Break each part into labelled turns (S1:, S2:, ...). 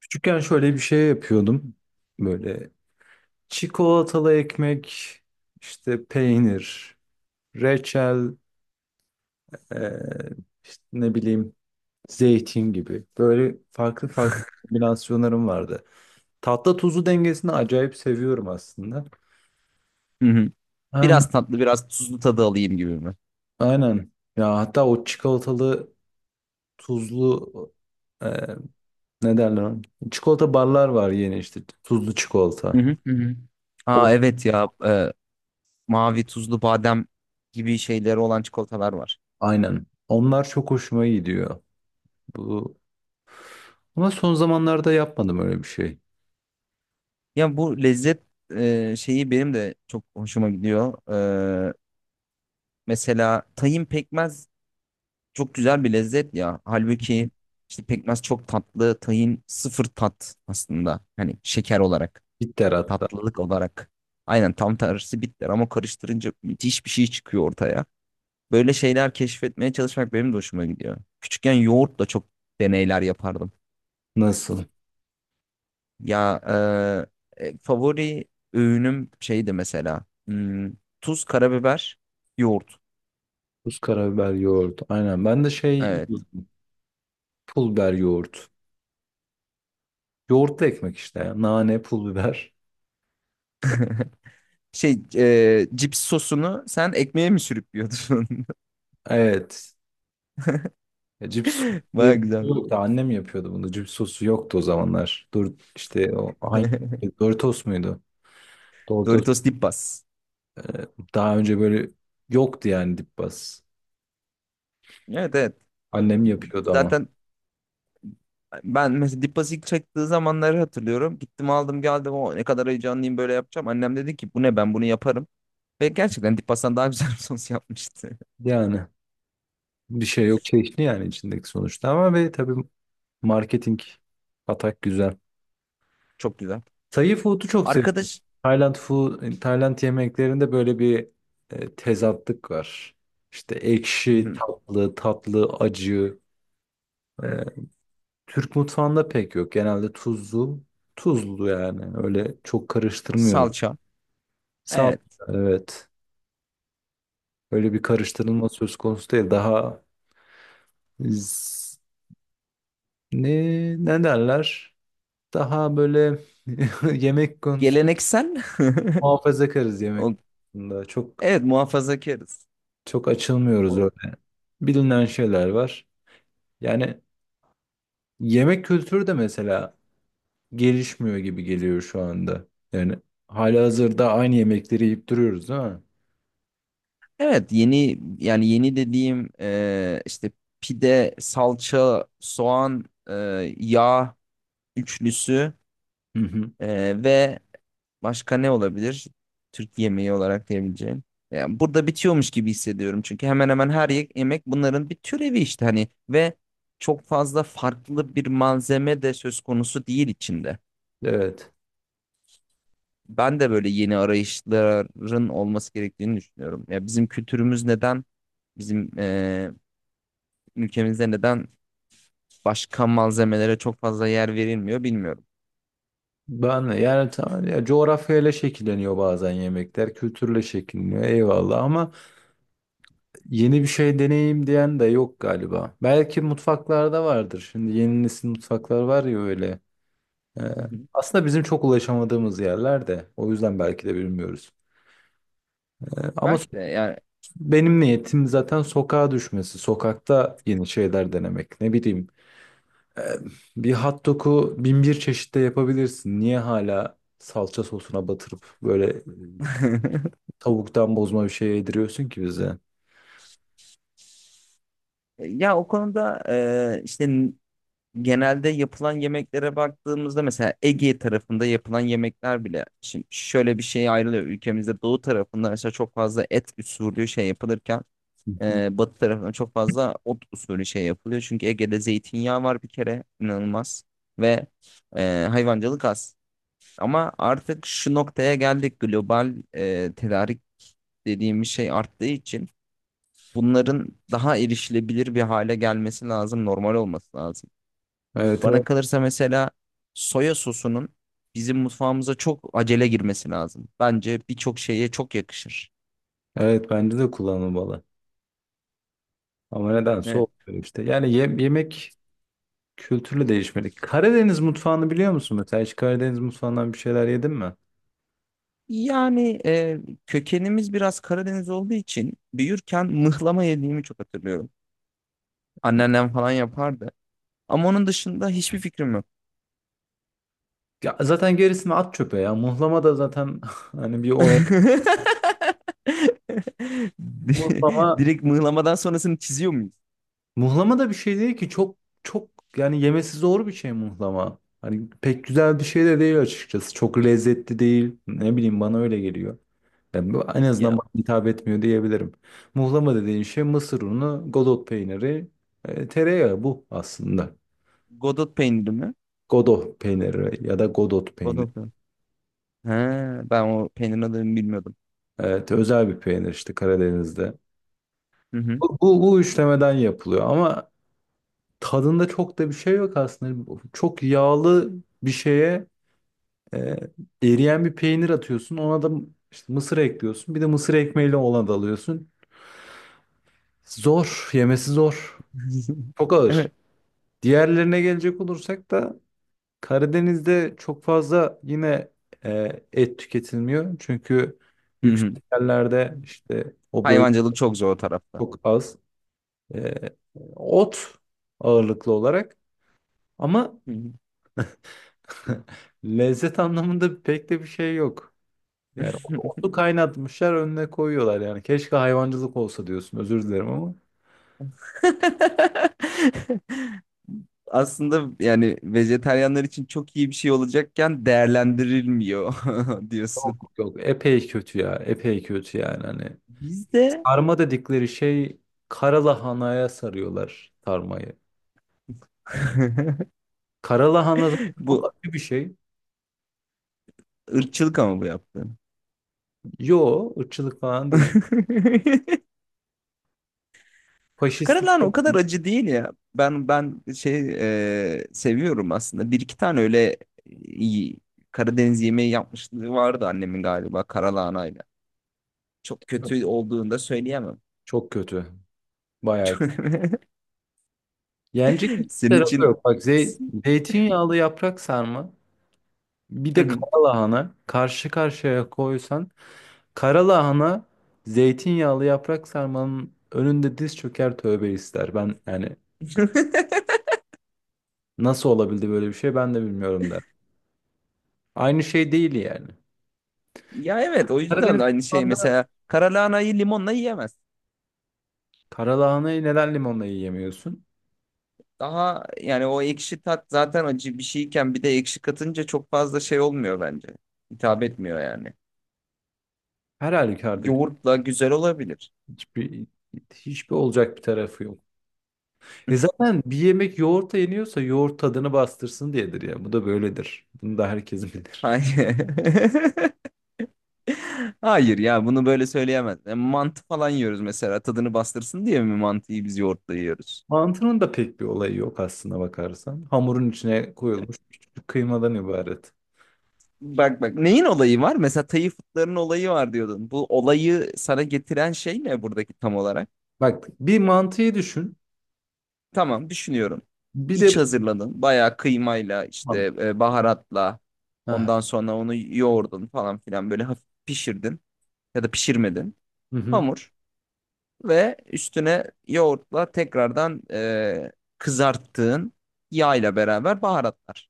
S1: Küçükken şöyle bir şey yapıyordum. Böyle çikolatalı ekmek, işte peynir, reçel, eee, işte ne bileyim zeytin gibi. Böyle farklı farklı kombinasyonlarım vardı. Tatlı tuzlu dengesini acayip seviyorum aslında.
S2: Hı hı.
S1: Hmm.
S2: Biraz tatlı, biraz tuzlu tadı alayım gibi mi?
S1: Aynen. Ya hatta o çikolatalı tuzlu eee, ne derler ona? Çikolata barlar var yeni işte tuzlu
S2: Hı
S1: çikolata.
S2: hı hı. hı.
S1: O
S2: Aa evet ya mavi tuzlu badem gibi şeyleri olan çikolatalar var.
S1: aynen. Onlar çok hoşuma gidiyor. Bu Ama son zamanlarda yapmadım öyle bir şey.
S2: Ya bu lezzet şeyi benim de çok hoşuma gidiyor. E, Mesela tahin pekmez çok güzel bir lezzet ya. Halbuki işte pekmez çok tatlı, tahin sıfır tat aslında. Hani şeker olarak,
S1: Bitter hatta.
S2: tatlılık olarak. Aynen tam tersi bitter ama karıştırınca müthiş bir şey çıkıyor ortaya. Böyle şeyler keşfetmeye çalışmak benim de hoşuma gidiyor. Küçükken yoğurtla çok deneyler yapardım.
S1: Nasıl?
S2: Ya favori öğünüm şeydi mesela. Hmm, tuz, karabiber, yoğurt.
S1: Tuz, karabiber, yoğurt. Aynen. Ben de şey
S2: Evet.
S1: pul biber yoğurt. Yoğurtlu ekmek işte ya. Nane, pul biber.
S2: Şey cips sosunu sen ekmeğe mi sürüp yiyordun?
S1: Evet. Ya, cips sosu diye
S2: Baya
S1: bir şey
S2: güzel.
S1: yoktu. Annem yapıyordu bunu. Cips sosu yoktu o zamanlar. Dur işte o hangi Doritos muydu? Doritos.
S2: Doritos Dipas.
S1: Daha önce böyle yoktu yani dip bas.
S2: Evet evet.
S1: Annem yapıyordu ama.
S2: Zaten ben mesela Dippas ilk çektiği zamanları hatırlıyorum. Gittim aldım geldim. O ne kadar heyecanlıyım böyle yapacağım. Annem dedi ki bu ne ben bunu yaparım. Ve gerçekten Dipas'tan daha güzel bir sos yapmıştı.
S1: Yani bir şey yok. Çeşni yani içindeki sonuçta ama ve tabii marketing atak güzel.
S2: Çok güzel.
S1: Thai food'u çok seviyorum.
S2: Arkadaş
S1: Tayland yemeklerinde böyle bir tezatlık var. İşte ekşi,
S2: Hı,
S1: tatlı, acı. E, Türk mutfağında pek yok. Genelde tuzlu yani. Öyle çok karıştırmıyoruz.
S2: salça.
S1: Sağ
S2: Evet.
S1: evet. Öyle bir karıştırılma söz konusu değil. Daha z- ne ne derler? Daha böyle yemek konusu
S2: Geleneksel.
S1: muhafazakarız yemek
S2: O,
S1: konusunda.
S2: evet muhafazakarız.
S1: Çok açılmıyoruz
S2: O,
S1: öyle. Bilinen şeyler var. Yani yemek kültürü de mesela gelişmiyor gibi geliyor şu anda. Yani halihazırda aynı yemekleri yiyip duruyoruz, değil mi?
S2: evet yeni yani yeni dediğim işte pide, salça, soğan, e, yağ üçlüsü
S1: Hı hı.
S2: ve Başka ne olabilir? Türk yemeği olarak diyebileceğim. Yani burada bitiyormuş gibi hissediyorum. Çünkü hemen hemen her yemek bunların bir türevi işte hani ve çok fazla farklı bir malzeme de söz konusu değil içinde.
S1: Evet.
S2: Ben de böyle yeni arayışların olması gerektiğini düşünüyorum. Ya bizim kültürümüz neden, bizim ülkemizde neden başka malzemelere çok fazla yer verilmiyor bilmiyorum.
S1: Ben de yani tamam ya, coğrafyayla şekilleniyor bazen yemekler, kültürle şekilleniyor eyvallah ama yeni bir şey deneyeyim diyen de yok galiba. Belki mutfaklarda vardır. Şimdi yeni nesil mutfaklar var ya öyle. Ee,
S2: Hı hı.
S1: aslında bizim çok ulaşamadığımız yerlerde. O yüzden belki de bilmiyoruz. E, Ama so-
S2: Belki de yani.
S1: Benim niyetim zaten sokağa düşmesi. Sokakta yeni şeyler denemek. Ne bileyim, e, bir hot dog'u bin bir çeşitte yapabilirsin. Niye hala salça sosuna batırıp böyle, tavuktan bozma bir şey yediriyorsun ki bize? Hı
S2: Ya o konuda işte genelde yapılan yemeklere baktığımızda mesela Ege tarafında yapılan yemekler bile şimdi şöyle bir şey ayrılıyor. Ülkemizde doğu tarafında mesela çok fazla et usulü şey yapılırken
S1: hı.
S2: Batı tarafında çok fazla ot usulü şey yapılıyor. Çünkü Ege'de zeytinyağı var bir kere inanılmaz ve hayvancılık az. Ama artık şu noktaya geldik global tedarik dediğimiz şey arttığı için bunların daha erişilebilir bir hale gelmesi lazım, normal olması lazım.
S1: Evet,
S2: Bana
S1: evet.
S2: kalırsa mesela soya sosunun bizim mutfağımıza çok acele girmesi lazım. Bence birçok şeye çok yakışır.
S1: Evet, bence de kullanılmalı. Ama nedense
S2: Evet.
S1: olmuyor işte. Yani yemek kültürlü değişmeli. Karadeniz mutfağını biliyor musun mesela? Hiç Karadeniz mutfağından bir şeyler yedin mi?
S2: Yani kökenimiz biraz Karadeniz olduğu için büyürken mıhlama yediğimi çok hatırlıyorum. Anneannem falan yapardı. Ama onun dışında hiçbir fikrim yok.
S1: Ya zaten gerisini at çöpe ya. Muhlama da zaten hani bir olay. Muhlama
S2: Direkt mıhlamadan sonrasını çiziyor muyuz?
S1: muhlama da bir şey değil ki, çok çok yani yemesi zor bir şey muhlama. Hani pek güzel bir şey de değil açıkçası. Çok lezzetli değil. Ne bileyim, bana öyle geliyor. Yani en
S2: Ya
S1: azından bana hitap etmiyor diyebilirim. Muhlama dediğin şey mısır unu, godot peyniri, tereyağı, bu aslında.
S2: Godot peyniri mi?
S1: Godot peyniri ya da godot peyniri.
S2: Godot peyniri. He, ben o peynirin adını bilmiyordum.
S1: Evet, özel bir peynir işte Karadeniz'de.
S2: Hı hı.
S1: Bu işlemeden yapılıyor ama tadında çok da bir şey yok aslında. Çok yağlı bir şeye, Ee, eriyen bir peynir atıyorsun. Ona da işte mısır ekliyorsun. Bir de mısır ekmeğiyle ona da alıyorsun. Zor. Yemesi zor. Çok ağır.
S2: Evet.
S1: Diğerlerine gelecek olursak da Karadeniz'de çok fazla yine et tüketilmiyor. Çünkü
S2: Hı
S1: yüksek
S2: hı.
S1: yerlerde işte, o bölge
S2: Hayvancılık çok zor o tarafta.
S1: çok az. E, ot ağırlıklı olarak ama
S2: Hı
S1: lezzet anlamında pek de bir şey yok. Yani
S2: hı.
S1: onu kaynatmışlar önüne koyuyorlar yani. Keşke hayvancılık olsa diyorsun. Özür dilerim ama.
S2: Aslında yani vejetaryenler için çok iyi bir şey olacakken değerlendirilmiyor diyorsun.
S1: Yok yok, epey kötü ya. Epey kötü yani hani.
S2: Bizde
S1: Sarma dedikleri şey, karalahanaya sarıyorlar sarmayı. Karalahana zaten çok
S2: bu
S1: acı bir şey.
S2: ırkçılık ama bu yaptığın.
S1: Yo, ırkçılık falan değil. Faşistlik
S2: Karalahana
S1: falan
S2: o kadar acı değil ya. Ben şey seviyorum aslında. Bir iki tane öyle iyi Karadeniz yemeği yapmışlığı vardı annemin galiba karalahanayla. Çok
S1: yok.
S2: kötü olduğunu da söyleyemem.
S1: Çok kötü. Bayağı kötü. Yenecek hiçbir
S2: Senin
S1: tarafı
S2: için
S1: yok. Bak, zeytinyağlı yaprak sarma bir
S2: Hı
S1: de
S2: hı.
S1: karalahana, karşı karşıya koysan, karalahana zeytinyağlı yaprak sarmanın önünde diz çöker tövbe ister. Ben yani nasıl olabildi böyle bir şey ben de bilmiyorum der. Aynı şey değil yani.
S2: Ya evet o yüzden
S1: Karadeniz
S2: aynı şey
S1: mutfağında
S2: mesela karalahanayı limonla yiyemez.
S1: karalahanayı neden limonla yiyemiyorsun?
S2: Daha yani o ekşi tat zaten acı bir şeyken bir de ekşi katınca çok fazla şey olmuyor bence. Hitap etmiyor yani.
S1: Her halükarda
S2: Yoğurtla güzel olabilir.
S1: hiçbir hiçbir olacak bir tarafı yok. E zaten bir yemek yoğurtla yeniyorsa yoğurt tadını bastırsın diyedir ya. Bu da böyledir. Bunu da herkes bilir.
S2: Hayır. Hayır ya bunu böyle söyleyemez. Mantı falan yiyoruz mesela tadını bastırsın diye mi mantıyı biz yoğurtla yiyoruz?
S1: Mantının da pek bir olayı yok aslına bakarsan. Hamurun içine koyulmuş küçük kıymadan ibaret.
S2: Bak bak neyin olayı var? Mesela Tayı fıtlarının olayı var diyordun. Bu olayı sana getiren şey ne buradaki tam olarak?
S1: Bak, bir mantıyı düşün.
S2: Tamam düşünüyorum.
S1: Bir
S2: İç
S1: de.
S2: hazırladın. Bayağı kıymayla işte
S1: Tamam.
S2: baharatla
S1: Aha.
S2: ondan sonra onu yoğurdun falan filan böyle hafif pişirdin ya da pişirmedin.
S1: Hı hı.
S2: Hamur ve üstüne yoğurtla tekrardan kızarttığın yağ ile beraber baharatlar.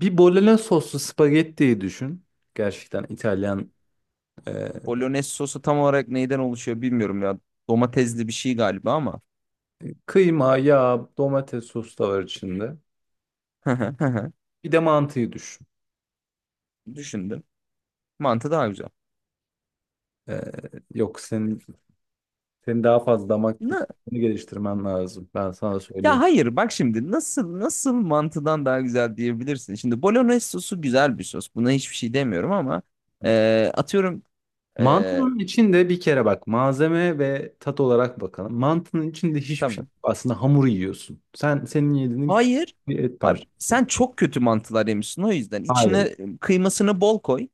S1: Bir bolognese soslu spagettiyi düşün. Gerçekten İtalyan, e,
S2: Bolognese sosu tam olarak neyden oluşuyor bilmiyorum ya. Domatesli bir şey galiba ama.
S1: kıyma, yağ, domates sosu da var içinde. Bir de mantıyı düşün.
S2: Düşündüm. Mantı daha güzel.
S1: E, yok, senin daha fazla damak
S2: Ne?
S1: tadını geliştirmen lazım. Ben sana
S2: Ya
S1: söyleyeyim.
S2: hayır bak şimdi nasıl mantıdan daha güzel diyebilirsin. Şimdi bolognese sosu güzel bir sos. Buna hiçbir şey demiyorum ama atıyorum e,
S1: Mantının içinde bir kere, bak, malzeme ve tat olarak bakalım. Mantının içinde hiçbir şey
S2: tamam.
S1: yok. Aslında hamur yiyorsun. senin yediğin küçük
S2: Hayır.
S1: bir et
S2: Abi,
S1: parçası.
S2: sen çok kötü mantılar yemişsin o yüzden. İçine
S1: Hayır.
S2: kıymasını bol koy.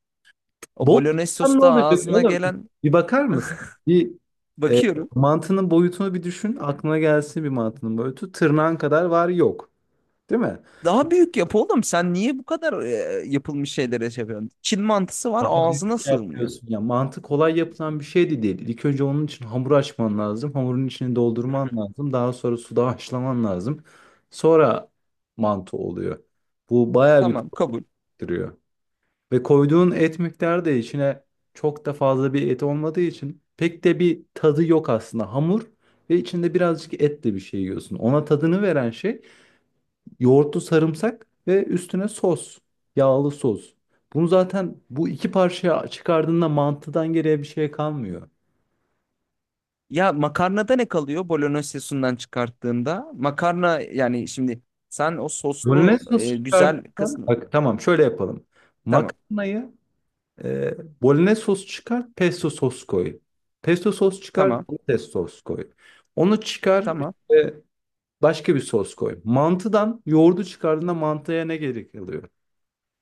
S2: O
S1: Bol
S2: bolognese
S1: kazan
S2: sosu
S1: ne
S2: da
S1: olacak
S2: ağzına
S1: oğlum?
S2: gelen
S1: Bir bakar mısın? Bir e,
S2: bakıyorum.
S1: Mantının boyutunu bir düşün. Aklına gelsin bir mantının boyutu. Tırnağın kadar var yok. Değil mi? Bu
S2: Daha büyük yap oğlum. Sen niye bu kadar yapılmış şeylere şey yapıyorsun? Çin mantısı var
S1: daha
S2: ağzına
S1: büyük
S2: sığmıyor.
S1: yapıyorsun. Ya, mantı kolay yapılan bir şey de değil. İlk önce onun için hamur açman lazım. Hamurun içini doldurman lazım. Daha sonra suda haşlaman lazım. Sonra mantı oluyor. Bu bayağı bir
S2: Tamam kabul.
S1: gerektiriyor. Ve koyduğun et miktarı da içine çok da fazla bir et olmadığı için pek de bir tadı yok aslında. Hamur ve içinde birazcık etle bir şey yiyorsun. Ona tadını veren şey yoğurtlu sarımsak ve üstüne sos, yağlı sos. Bunu zaten bu iki parçaya çıkardığında mantıdan geriye bir şey kalmıyor.
S2: Ya makarnada ne kalıyor bolognese sosundan çıkarttığında? Makarna yani şimdi sen o soslu
S1: Bolognese sosu
S2: güzel
S1: çıkarttığında
S2: kısmı.
S1: bak, tamam, şöyle yapalım.
S2: Tamam.
S1: Makarnayı E, Bolognese sos çıkar, pesto sos koy. Pesto sos çıkar,
S2: Tamam.
S1: domates sos koy. Onu çıkar,
S2: Tamam.
S1: işte başka bir sos koy. Mantıdan yoğurdu çıkardığında mantıya ne gerek kalıyor?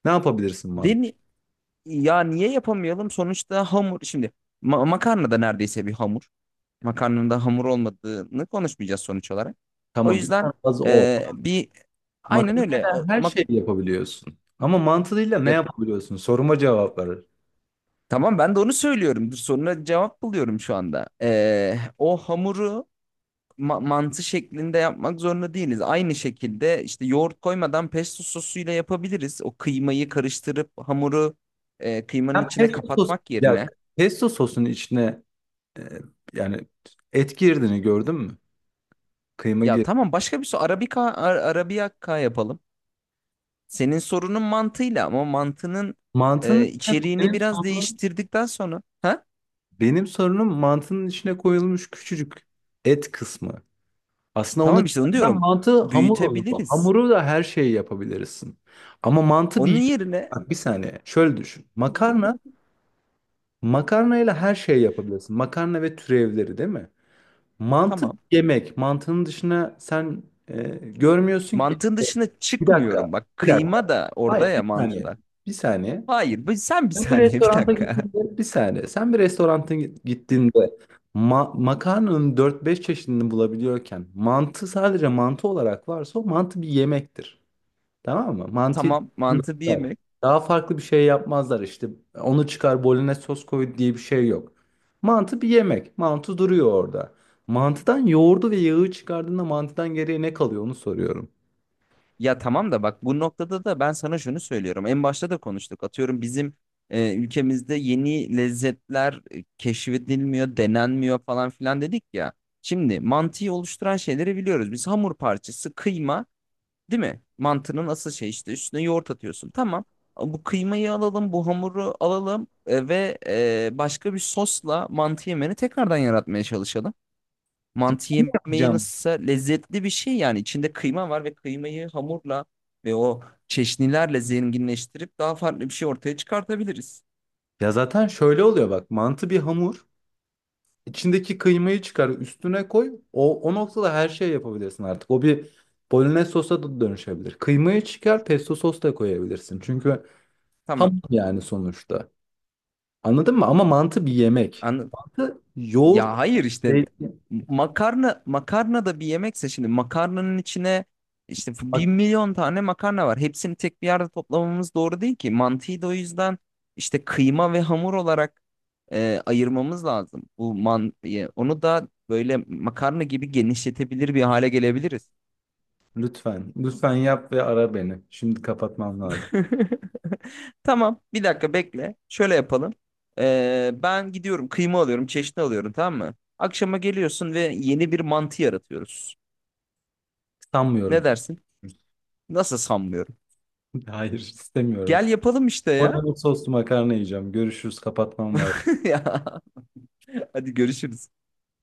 S1: Ne yapabilirsin mantı?
S2: Deni ya niye yapamayalım? Sonuçta hamur şimdi makarna da neredeyse bir hamur. Makarnanın da hamur olmadığını konuşmayacağız sonuç olarak. O
S1: Tamam,
S2: yüzden
S1: zaten az o.
S2: bir aynen öyle.
S1: Makarnayla
S2: O,
S1: her şeyi yapabiliyorsun. Ama mantıyla ne
S2: ya,
S1: yapabiliyorsun? Soruma cevap ver.
S2: tamam ben de onu söylüyorum. Dur, soruna cevap buluyorum şu anda. O hamuru mantı şeklinde yapmak zorunda değiliz. Aynı şekilde işte yoğurt koymadan pesto sosuyla yapabiliriz. O kıymayı karıştırıp hamuru kıymanın
S1: Ben
S2: içine
S1: pesto sos,
S2: kapatmak
S1: ya,
S2: yerine.
S1: pesto sosun içine, e, yani, et girdiğini gördün mü? Kıyma
S2: Ya
S1: gir.
S2: tamam başka bir soru. Arabika, Arabiyakka yapalım. Senin sorunun mantığıyla ama mantının
S1: Mantının içine
S2: içeriğini
S1: benim
S2: biraz
S1: sorunum
S2: değiştirdikten sonra. Ha?
S1: Benim sorunum mantının içine koyulmuş küçücük et kısmı. Aslında onu
S2: Tamam işte onu
S1: çıkartan
S2: diyorum.
S1: mantı hamur olur.
S2: Büyütebiliriz.
S1: Hamuru da her şeyi yapabilirsin. Ama mantı
S2: Onun
S1: bir...
S2: yerine
S1: Bak bir saniye. Şöyle düşün. Makarnayla her şeyi yapabilirsin. Makarna ve türevleri, değil mi? Mantı bir
S2: tamam.
S1: yemek. Mantının dışına sen görmüyorsun ki.
S2: Mantığın dışına
S1: Bir
S2: çıkmıyorum.
S1: dakika.
S2: Bak
S1: Bir dakika.
S2: kıyma da orada
S1: Hayır,
S2: ya
S1: bir saniye.
S2: mantıda.
S1: Bir saniye.
S2: Hayır, sen bir
S1: Sen bir
S2: saniye, bir
S1: restoranta
S2: dakika.
S1: gittiğinde bir saniye. Sen bir restoranta gittiğinde makarnanın dört beş çeşidini bulabiliyorken, mantı sadece mantı olarak varsa o mantı bir yemektir. Tamam mı? Mantıyı
S2: Tamam mantı bir
S1: bilmezler,
S2: yemek.
S1: daha farklı bir şey yapmazlar işte. Onu çıkar bolognese sos koy diye bir şey yok. Mantı bir yemek. Mantı duruyor orada. Mantıdan yoğurdu ve yağı çıkardığında mantıdan geriye ne kalıyor onu soruyorum.
S2: Ya tamam da bak bu noktada da ben sana şunu söylüyorum. En başta da konuştuk. Atıyorum bizim ülkemizde yeni lezzetler keşfedilmiyor, denenmiyor falan filan dedik ya. Şimdi mantıyı oluşturan şeyleri biliyoruz. Biz hamur parçası, kıyma, değil mi? Mantının asıl şey işte üstüne yoğurt atıyorsun. Tamam. Bu kıymayı alalım, bu hamuru alalım ve başka bir sosla mantı yemeni tekrardan yaratmaya çalışalım. Mantı yemeği
S1: Cam.
S2: nasılsa lezzetli bir şey yani içinde kıyma var ve kıymayı hamurla ve o çeşnilerle zenginleştirip daha farklı bir şey ortaya çıkartabiliriz.
S1: Ya zaten şöyle oluyor bak. Mantı bir hamur. İçindeki kıymayı çıkar, üstüne koy. O noktada her şey yapabilirsin artık. O bir bolognese sosa da dönüşebilir. Kıymayı çıkar, pesto sos da koyabilirsin. Çünkü ham
S2: Tamam.
S1: yani sonuçta. Anladın mı? Ama mantı bir yemek.
S2: Anladım.
S1: Mantı yoğurt,
S2: Ya hayır işte
S1: zeytin.
S2: makarna da bir yemekse şimdi makarnanın içine işte bir
S1: Bak,
S2: milyon tane makarna var. Hepsini tek bir yerde toplamamız doğru değil ki. Mantıyı da o yüzden işte kıyma ve hamur olarak ayırmamız lazım. Bu onu da böyle makarna gibi genişletebilir bir hale gelebiliriz.
S1: lütfen, lütfen yap ve ara beni. Şimdi kapatmam lazım.
S2: Tamam, bir dakika bekle. Şöyle yapalım. Ben gidiyorum, kıyma alıyorum, çeşni alıyorum, tamam mı? Akşama geliyorsun ve yeni bir mantı yaratıyoruz. Ne
S1: Sanmıyorum.
S2: dersin? Nasıl sanmıyorum.
S1: Hayır, istemiyorum.
S2: Gel yapalım işte ya.
S1: Bolognese soslu makarna yiyeceğim. Görüşürüz, kapatmam lazım.
S2: Ya, hadi görüşürüz.